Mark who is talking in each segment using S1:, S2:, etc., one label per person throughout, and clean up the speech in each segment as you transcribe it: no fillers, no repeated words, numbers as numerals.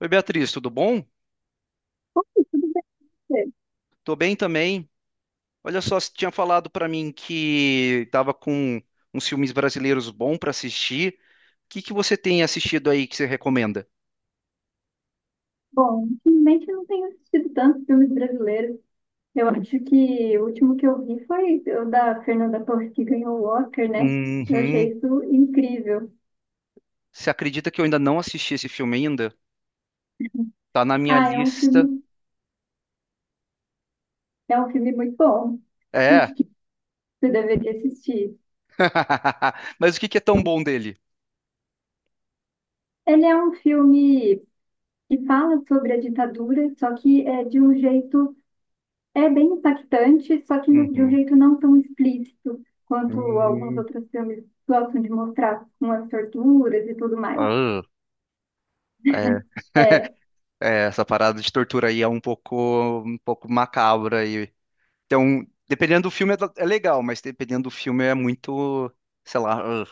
S1: Oi, Beatriz, tudo bom?
S2: Tudo bem.
S1: Tô bem também. Olha só, você tinha falado pra mim que tava com uns filmes brasileiros bons pra assistir. O que que você tem assistido aí que você recomenda?
S2: Bom, ultimamente eu não tenho assistido tantos filmes brasileiros. Eu acho que o último que eu vi foi o da Fernanda Torres que ganhou o Oscar, né? Eu achei
S1: Uhum.
S2: isso incrível.
S1: Você acredita que eu ainda não assisti esse filme ainda? Tá na minha
S2: Ah,
S1: lista.
S2: é um filme muito bom.
S1: É.
S2: Acho que você deveria assistir.
S1: Mas o que que é tão bom dele?
S2: Ele é um filme que fala sobre a ditadura, só que é de um jeito é bem impactante, só que de um
S1: Uhum.
S2: jeito não tão explícito quanto alguns
S1: Hum.
S2: outros filmes gostam de mostrar, com as torturas e tudo mais.
S1: Ah, É,
S2: É.
S1: é, essa parada de tortura aí é um pouco macabra aí. Então, dependendo do filme é legal, mas dependendo do filme é muito, sei lá,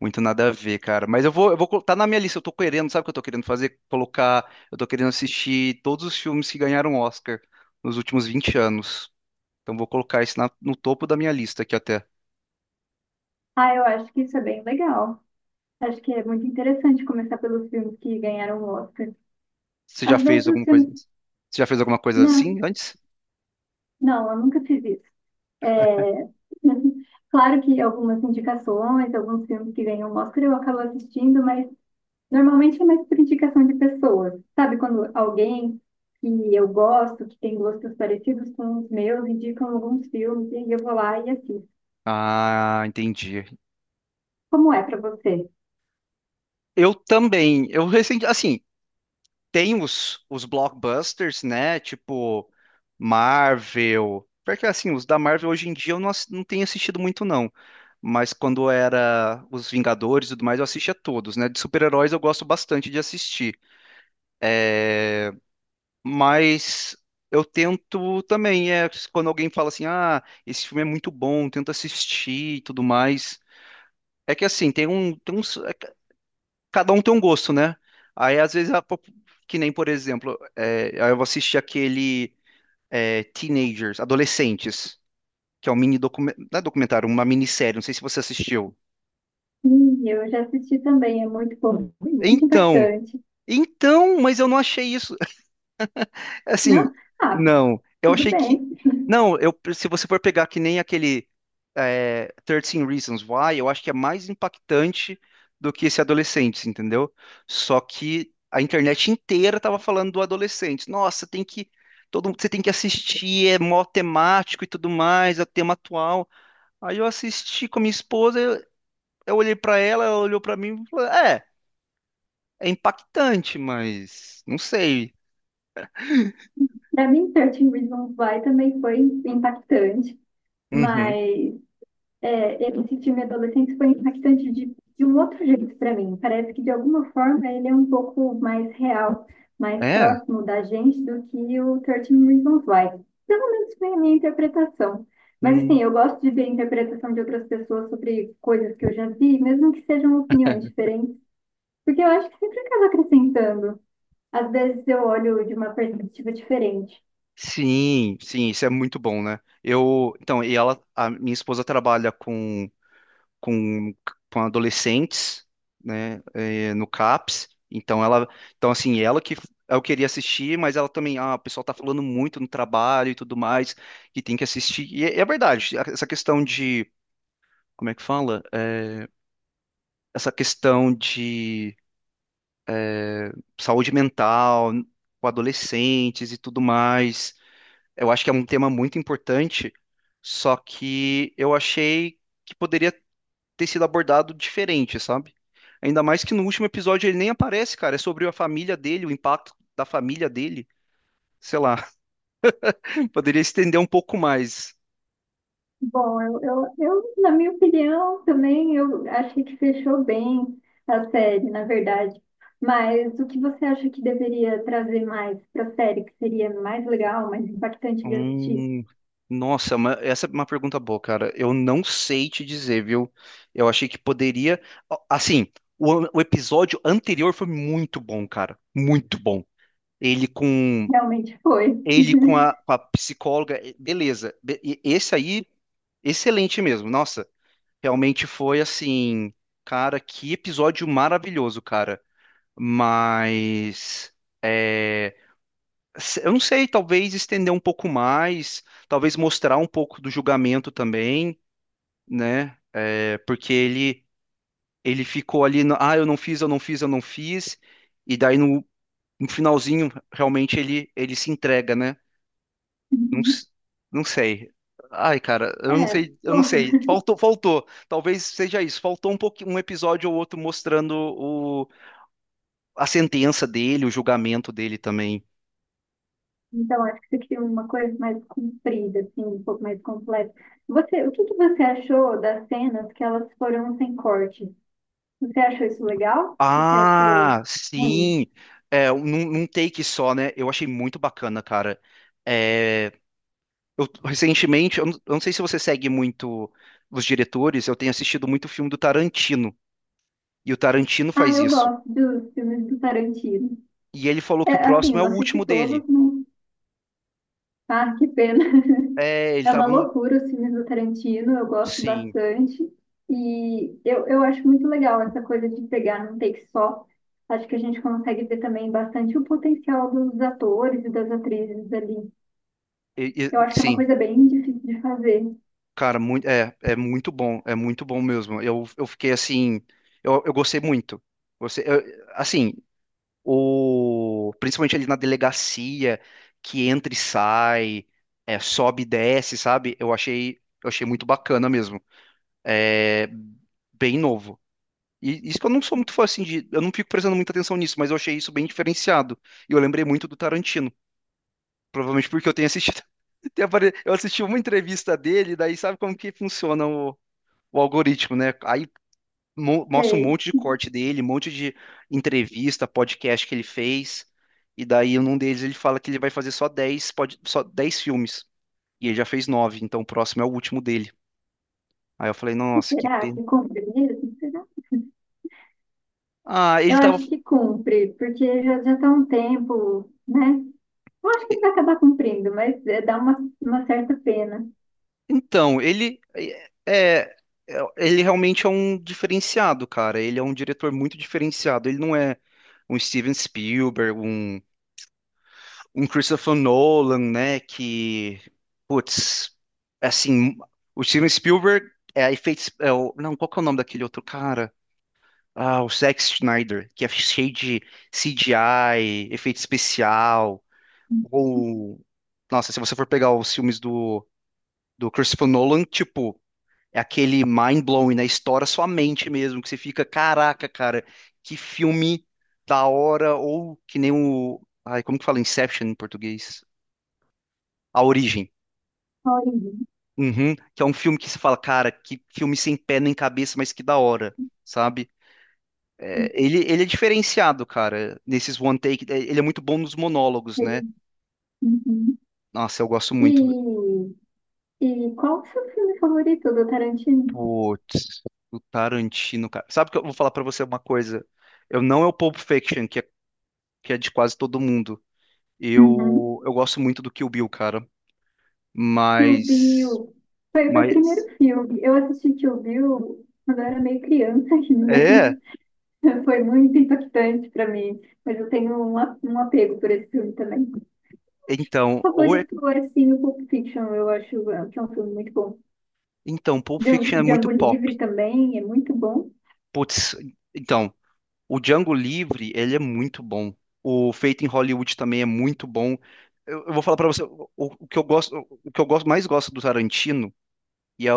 S1: muito nada a ver, cara. Mas tá na minha lista, eu tô querendo, sabe o que eu tô querendo fazer? Colocar, eu tô querendo assistir todos os filmes que ganharam Oscar nos últimos 20 anos. Então vou colocar isso no topo da minha lista aqui até.
S2: Ah, eu acho que isso é bem legal. Acho que é muito interessante começar pelos filmes que ganharam o Oscar.
S1: Você já
S2: Às vezes
S1: fez
S2: os
S1: alguma coisa?
S2: filmes.
S1: Você já fez alguma coisa
S2: Não,
S1: assim antes?
S2: não, eu nunca fiz isso. É... Claro que algumas indicações, alguns filmes que ganham o Oscar eu acabo assistindo, mas normalmente é mais por indicação de pessoas. Sabe, quando alguém que eu gosto, que tem gostos parecidos com os meus, indicam alguns filmes e eu vou lá e assisto.
S1: Ah, entendi.
S2: Como é para você?
S1: Eu também. Eu recente, assim, tem os blockbusters, né? Tipo Marvel. Porque assim, os da Marvel hoje em dia eu não, não tenho assistido muito, não. Mas quando era os Vingadores e tudo mais, eu assistia todos, né? De super-heróis eu gosto bastante de assistir. Mas eu tento também, quando alguém fala assim, ah, esse filme é muito bom, tento assistir e tudo mais. É que assim, tem um, tem uns- é que cada um tem um gosto, né? Aí às vezes, que nem, por exemplo, aí eu vou assistir aquele. Teenagers, Adolescentes, que é um mini documentário, não é documentário, uma minissérie, não sei se você assistiu.
S2: Eu já assisti também, é muito bom, muito
S1: Então,
S2: impactante.
S1: então, mas eu não achei isso.
S2: Não?
S1: Assim,
S2: Ah,
S1: não, eu
S2: tudo
S1: achei que.
S2: bem.
S1: Não, eu, se você for pegar que nem aquele 13 Reasons Why, eu acho que é mais impactante do que esse adolescente, entendeu? Só que a internet inteira tava falando do adolescente. Nossa, tem que. Todo, você tem que assistir, é mó temático e tudo mais, é o tema atual. Aí eu assisti com a minha esposa, eu olhei pra ela, ela olhou pra mim e falou: É, impactante, mas não sei.
S2: Para mim, 13 Reasons Why também foi impactante,
S1: Uhum.
S2: mas é, esse filme adolescente foi impactante de um outro jeito para mim. Parece que, de alguma forma, ele é um pouco mais real, mais
S1: É?
S2: próximo da gente do que o 13 Reasons Why. Pelo menos foi a minha interpretação. Mas,
S1: Hum.
S2: assim, eu gosto de ver a interpretação de outras pessoas sobre coisas que eu já vi, mesmo que sejam opiniões diferentes, porque eu acho que sempre acaba acrescentando. Às vezes eu olho de uma perspectiva diferente.
S1: Sim, sim, isso é muito bom, né? Eu, então, e ela, a minha esposa trabalha com, com adolescentes, né, no CAPS, então ela, então assim, ela que eu queria assistir, mas ela também, ah, o pessoal tá falando muito no trabalho e tudo mais, que tem que assistir, e é verdade, essa questão de, como é que fala? Essa questão de saúde mental com adolescentes e tudo mais. Eu acho que é um tema muito importante, só que eu achei que poderia ter sido abordado diferente, sabe? Ainda mais que no último episódio ele nem aparece, cara. É sobre a família dele, o impacto da família dele. Sei lá, poderia estender um pouco mais.
S2: Bom, eu, na minha opinião, também eu achei que fechou bem a série, na verdade. Mas o que você acha que deveria trazer mais para a série, que seria mais legal, mais impactante de assistir?
S1: Hum, nossa, essa é uma pergunta boa, cara. Eu não sei te dizer, viu? Eu achei que poderia. Ó, assim, o episódio anterior foi muito bom, cara. Muito bom. Ele com
S2: Realmente foi.
S1: Ele com a, com a psicóloga, beleza. Esse aí, excelente mesmo. Nossa, realmente foi assim, cara, que episódio maravilhoso, cara. Mas. eh, Eu não sei, talvez estender um pouco mais, talvez mostrar um pouco do julgamento também, né? É, porque ele ficou ali, no, ah, eu não fiz, eu não fiz, eu não fiz, e daí no finalzinho realmente ele se entrega, né? Não,
S2: Uhum.
S1: não sei. Ai, cara, eu não
S2: É,
S1: sei, eu não
S2: bom,
S1: sei. Faltou, faltou. Talvez seja isso. Faltou um pouquinho, um episódio ou outro mostrando o, a sentença dele, o julgamento dele também.
S2: então acho que você queria uma coisa mais comprida, assim, um pouco mais completa. Você, o que que você achou das cenas que elas foram sem corte? Você achou isso legal? Você achou
S1: Ah,
S2: ruim?
S1: sim. É, num take só, né? Eu achei muito bacana, cara. É, eu, recentemente, eu não sei se você segue muito os diretores, eu tenho assistido muito filme do Tarantino. E o Tarantino
S2: Ah,
S1: faz
S2: eu
S1: isso.
S2: gosto dos filmes do Tarantino.
S1: E ele falou
S2: É,
S1: que o
S2: assim,
S1: próximo
S2: eu
S1: é o
S2: não assisti
S1: último dele.
S2: todos, não. Ah, que pena.
S1: É, ele
S2: É uma
S1: tava no.
S2: loucura os filmes do Tarantino, eu gosto
S1: Sim.
S2: bastante. E eu acho muito legal essa coisa de pegar num take só. Acho que a gente consegue ver também bastante o potencial dos atores e das atrizes ali.
S1: E-
S2: Eu acho que é uma
S1: sim.
S2: coisa bem difícil de fazer.
S1: Cara, muito, é muito bom. É muito bom mesmo. Eu fiquei assim. Eu gostei muito. Você, eu- assim. Ou principalmente ali na delegacia que entra e sai, sobe e desce, sabe? Eu achei muito bacana mesmo. É bem novo. E isso que eu não sou muito fã assim de, eu não fico prestando muita atenção nisso, mas eu achei isso bem diferenciado. E eu lembrei muito do Tarantino, provavelmente porque eu tenho assistido eu assisti uma entrevista dele, daí sabe como que funciona o algoritmo, né? Aí mostra um
S2: Sei.
S1: monte de corte dele, um monte de entrevista, podcast que ele fez. E daí, num deles, ele fala que ele vai fazer só 10 filmes. E ele já fez 9, então o próximo é o último dele. Aí eu falei, nossa, que
S2: Será
S1: pena.
S2: que combina mesmo?
S1: Ah, ele
S2: Eu
S1: tava.
S2: acho que cumpre, porque já já está um tempo, né? Eu acho que ele vai acabar cumprindo, mas é, dá uma certa pena.
S1: Então, ele é, é- ele realmente é um diferenciado, cara. Ele é um diretor muito diferenciado. Ele não é um Steven Spielberg, um Christopher Nolan, né? Que, putz, assim, o Steven Spielberg é, efeitos, é o, não, qual que é o nome daquele outro cara? Ah, o Zack Snyder, que é cheio de CGI, efeito especial, ou, nossa, se você for pegar os filmes do Christopher Nolan, tipo, é aquele mind-blowing, né? Estoura sua mente mesmo, que você fica, caraca, cara, que filme da hora, ou que nem o, ai, como que fala Inception em português? A Origem.
S2: Olha,
S1: Uhum, que é um filme que se fala, cara, que filme sem pé nem cabeça, mas que da hora, sabe? É, ele é diferenciado, cara, nesses one take. Ele é muito bom nos monólogos,
S2: ele-
S1: né?
S2: uhum.
S1: Nossa, eu gosto
S2: E,
S1: muito.
S2: e qual o seu filme favorito do Tarantino?
S1: Putz, o Tarantino, cara. Sabe que eu vou falar pra você uma coisa? Eu não é o Pulp Fiction, que é de quase todo mundo.
S2: Uhum.
S1: Eu gosto muito do Kill Bill, cara.
S2: Kill
S1: Mas.
S2: Bill. Foi o meu primeiro
S1: Mas.
S2: filme. Eu assisti Kill Bill quando eu era meio criança ainda.
S1: É,
S2: Foi muito impactante para mim, mas eu tenho um apego por esse filme também.
S1: então. Ou é,
S2: Favorito é sim o Pulp Fiction, eu acho é, que é um filme muito bom.
S1: então, Pulp Fiction é muito
S2: Django
S1: pop.
S2: Livre também é muito bom.
S1: Putz, então. O Django Livre, ele é muito bom. O Feito em Hollywood também é muito bom. Eu vou falar pra você o que eu gosto, mais gosto do Tarantino e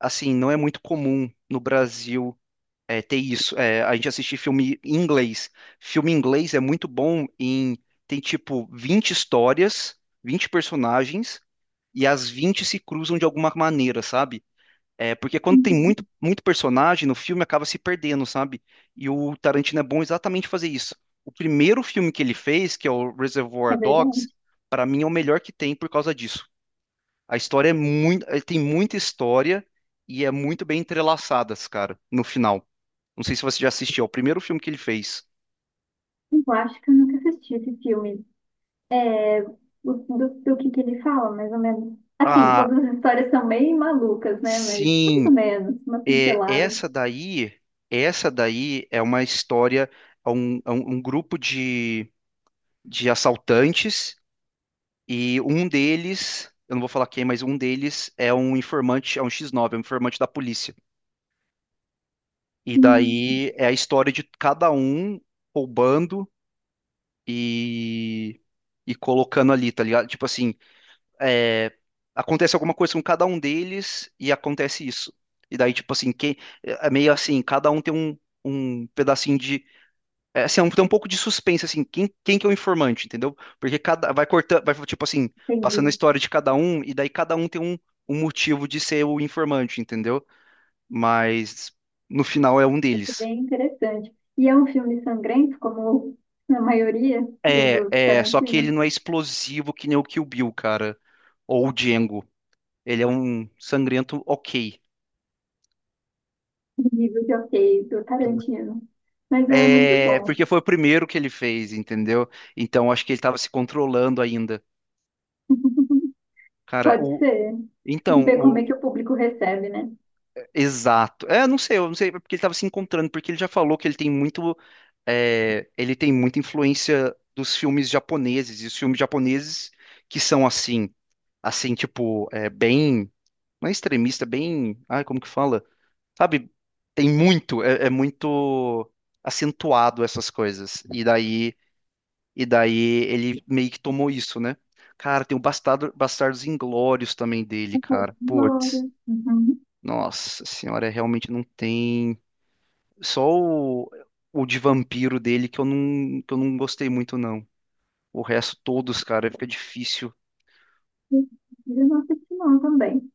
S1: assim, não é muito comum no Brasil ter isso. É, a gente assistir filme em inglês. Filme em inglês é muito bom em tem tipo 20 histórias, 20 personagens e as 20 se cruzam de alguma maneira, sabe? É, porque quando tem
S2: Uhum.
S1: muito, muito personagem no filme, acaba se perdendo, sabe? E o Tarantino é bom exatamente fazer isso. O primeiro filme que ele fez, que é o Reservoir
S2: É verdade.
S1: Dogs, para mim é o melhor que tem por causa disso. A história é muito, ele tem muita história e é muito bem entrelaçadas, cara, no final. Não sei se você já assistiu, é o primeiro filme que ele fez.
S2: Eu acho que eu nunca assisti esse filme. É, do que ele fala, mais ou menos. Assim,
S1: Ah,
S2: todas as histórias são meio malucas, né? Mas mais ou
S1: sim,
S2: menos, uma
S1: é,
S2: pincelada.
S1: essa daí, essa daí é uma história, é um grupo de assaltantes. E um deles, eu não vou falar quem, mas um deles é um informante, é um X9, é um informante da polícia. E
S2: Hum.
S1: daí é a história de cada um roubando e, e colocando ali, tá ligado? Tipo assim, é, acontece alguma coisa com cada um deles e acontece isso. E daí, tipo assim, quem, é meio assim, cada um tem um pedacinho de. É, assim, tem um pouco de suspense, assim, quem que é o informante, entendeu? Porque cada, vai cortando, vai, tipo assim, passando a
S2: Entendi.
S1: história de cada um, e daí cada um tem um motivo de ser o informante, entendeu? Mas no final é um
S2: Isso é
S1: deles.
S2: bem interessante. E é um filme sangrento, como a maioria
S1: É,
S2: do
S1: é, só que ele
S2: Tarantino,
S1: não é explosivo que nem o Kill Bill, cara. Ou o Django. Ele é um sangrento ok.
S2: nível de ok do Tarantino. Mas é muito
S1: É,
S2: bom.
S1: porque foi o primeiro que ele fez, entendeu? Então acho que ele tava se controlando ainda. Cara,
S2: Pode
S1: o,
S2: ser.
S1: então,
S2: Ver como é
S1: o,
S2: que o público recebe, né?
S1: exato. É, eu não sei é porque ele estava se encontrando, porque ele já falou que ele tem muito, ele tem muita influência dos filmes japoneses, e os filmes japoneses que são assim, tipo, bem, não é extremista, bem, ai, como que fala? Sabe, tem muito, é muito acentuado essas coisas. E daí ele meio que tomou isso, né? Cara, tem o Bastardos Inglórios também dele,
S2: Nossa,
S1: cara. Putz,
S2: Glória. Uhum.
S1: nossa senhora, realmente não tem. Só o de vampiro dele que eu não gostei muito, não. O resto, todos, cara, fica difícil.
S2: Eu não assisti não também.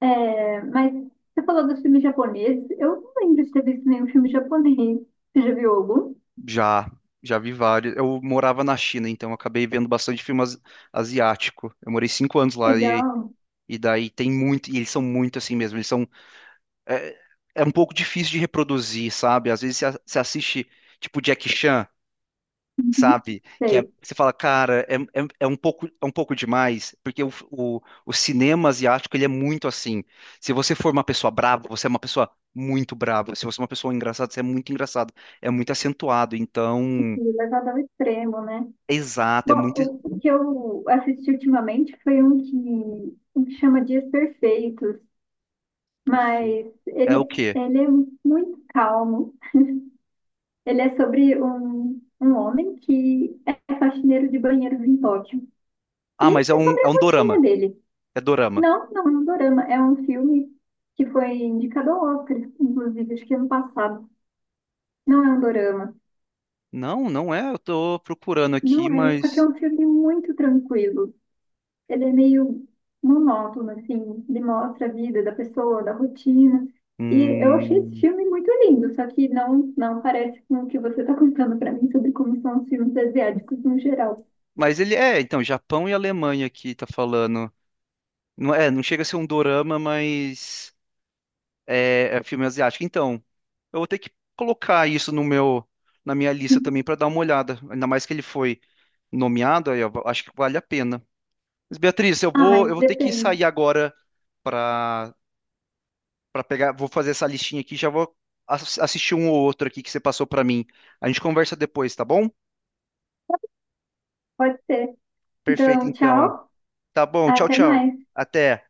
S2: É, mas você falou dos filmes japoneses. Eu não lembro de ter visto nenhum filme japonês. Você já viu algum?
S1: Já, já vi vários. Eu morava na China, então eu acabei vendo bastante filme asiático. Eu morei 5 anos lá e,
S2: Legal.
S1: e daí tem muito. E eles são muito assim mesmo. Eles são. É, é um pouco difícil de reproduzir, sabe? Às vezes você você assiste, tipo, Jack Chan.
S2: Uhum.
S1: Sabe?
S2: Sei.
S1: Você fala, cara, é, é um pouco demais, porque o cinema asiático, ele é muito assim. Se você for uma pessoa brava, você é uma pessoa muito brava. Se você é uma pessoa engraçada, você é muito engraçado. É muito acentuado, então...
S2: E levado ao extremo, né?
S1: Exato, é muito...
S2: Bom, o que eu assisti ultimamente foi um que chama Dias Perfeitos,
S1: Perfeito.
S2: mas
S1: É o quê?
S2: ele é muito calmo. Ele é sobre um homem que é faxineiro de banheiros em Tóquio. E
S1: Ah,
S2: ele
S1: mas é
S2: é
S1: um,
S2: sobre
S1: é
S2: a
S1: um
S2: rotina
S1: dorama.
S2: dele.
S1: É dorama.
S2: Não, não é um dorama. É um filme que foi indicado ao Oscar, inclusive, acho que ano passado. Não é um dorama.
S1: Não, não é. Eu tô procurando aqui,
S2: Não é, só que é
S1: mas...
S2: um filme muito tranquilo. Ele é meio monótono, assim. Ele mostra a vida da pessoa, da rotina. E eu achei esse
S1: Hum...
S2: filme muito lindo, só que não parece com o que você está contando para mim sobre como são os filmes asiáticos no geral.
S1: Mas ele é, então, Japão e Alemanha aqui, tá falando. Não é, não chega a ser um dorama, mas... É filme asiático. Então, eu vou ter que colocar isso no meu, na minha lista também para dar uma olhada. Ainda mais que ele foi nomeado, aí eu acho que vale a pena. Mas, Beatriz, eu
S2: Ah,
S1: vou,
S2: mas
S1: eu vou ter que
S2: depende.
S1: sair agora para pegar, vou fazer essa listinha aqui, já vou assistir um ou outro aqui que você passou para mim. A gente conversa depois, tá bom?
S2: Pode ser.
S1: Perfeito,
S2: Então,
S1: então.
S2: tchau.
S1: Tá bom, tchau,
S2: Até
S1: tchau.
S2: mais.
S1: Até.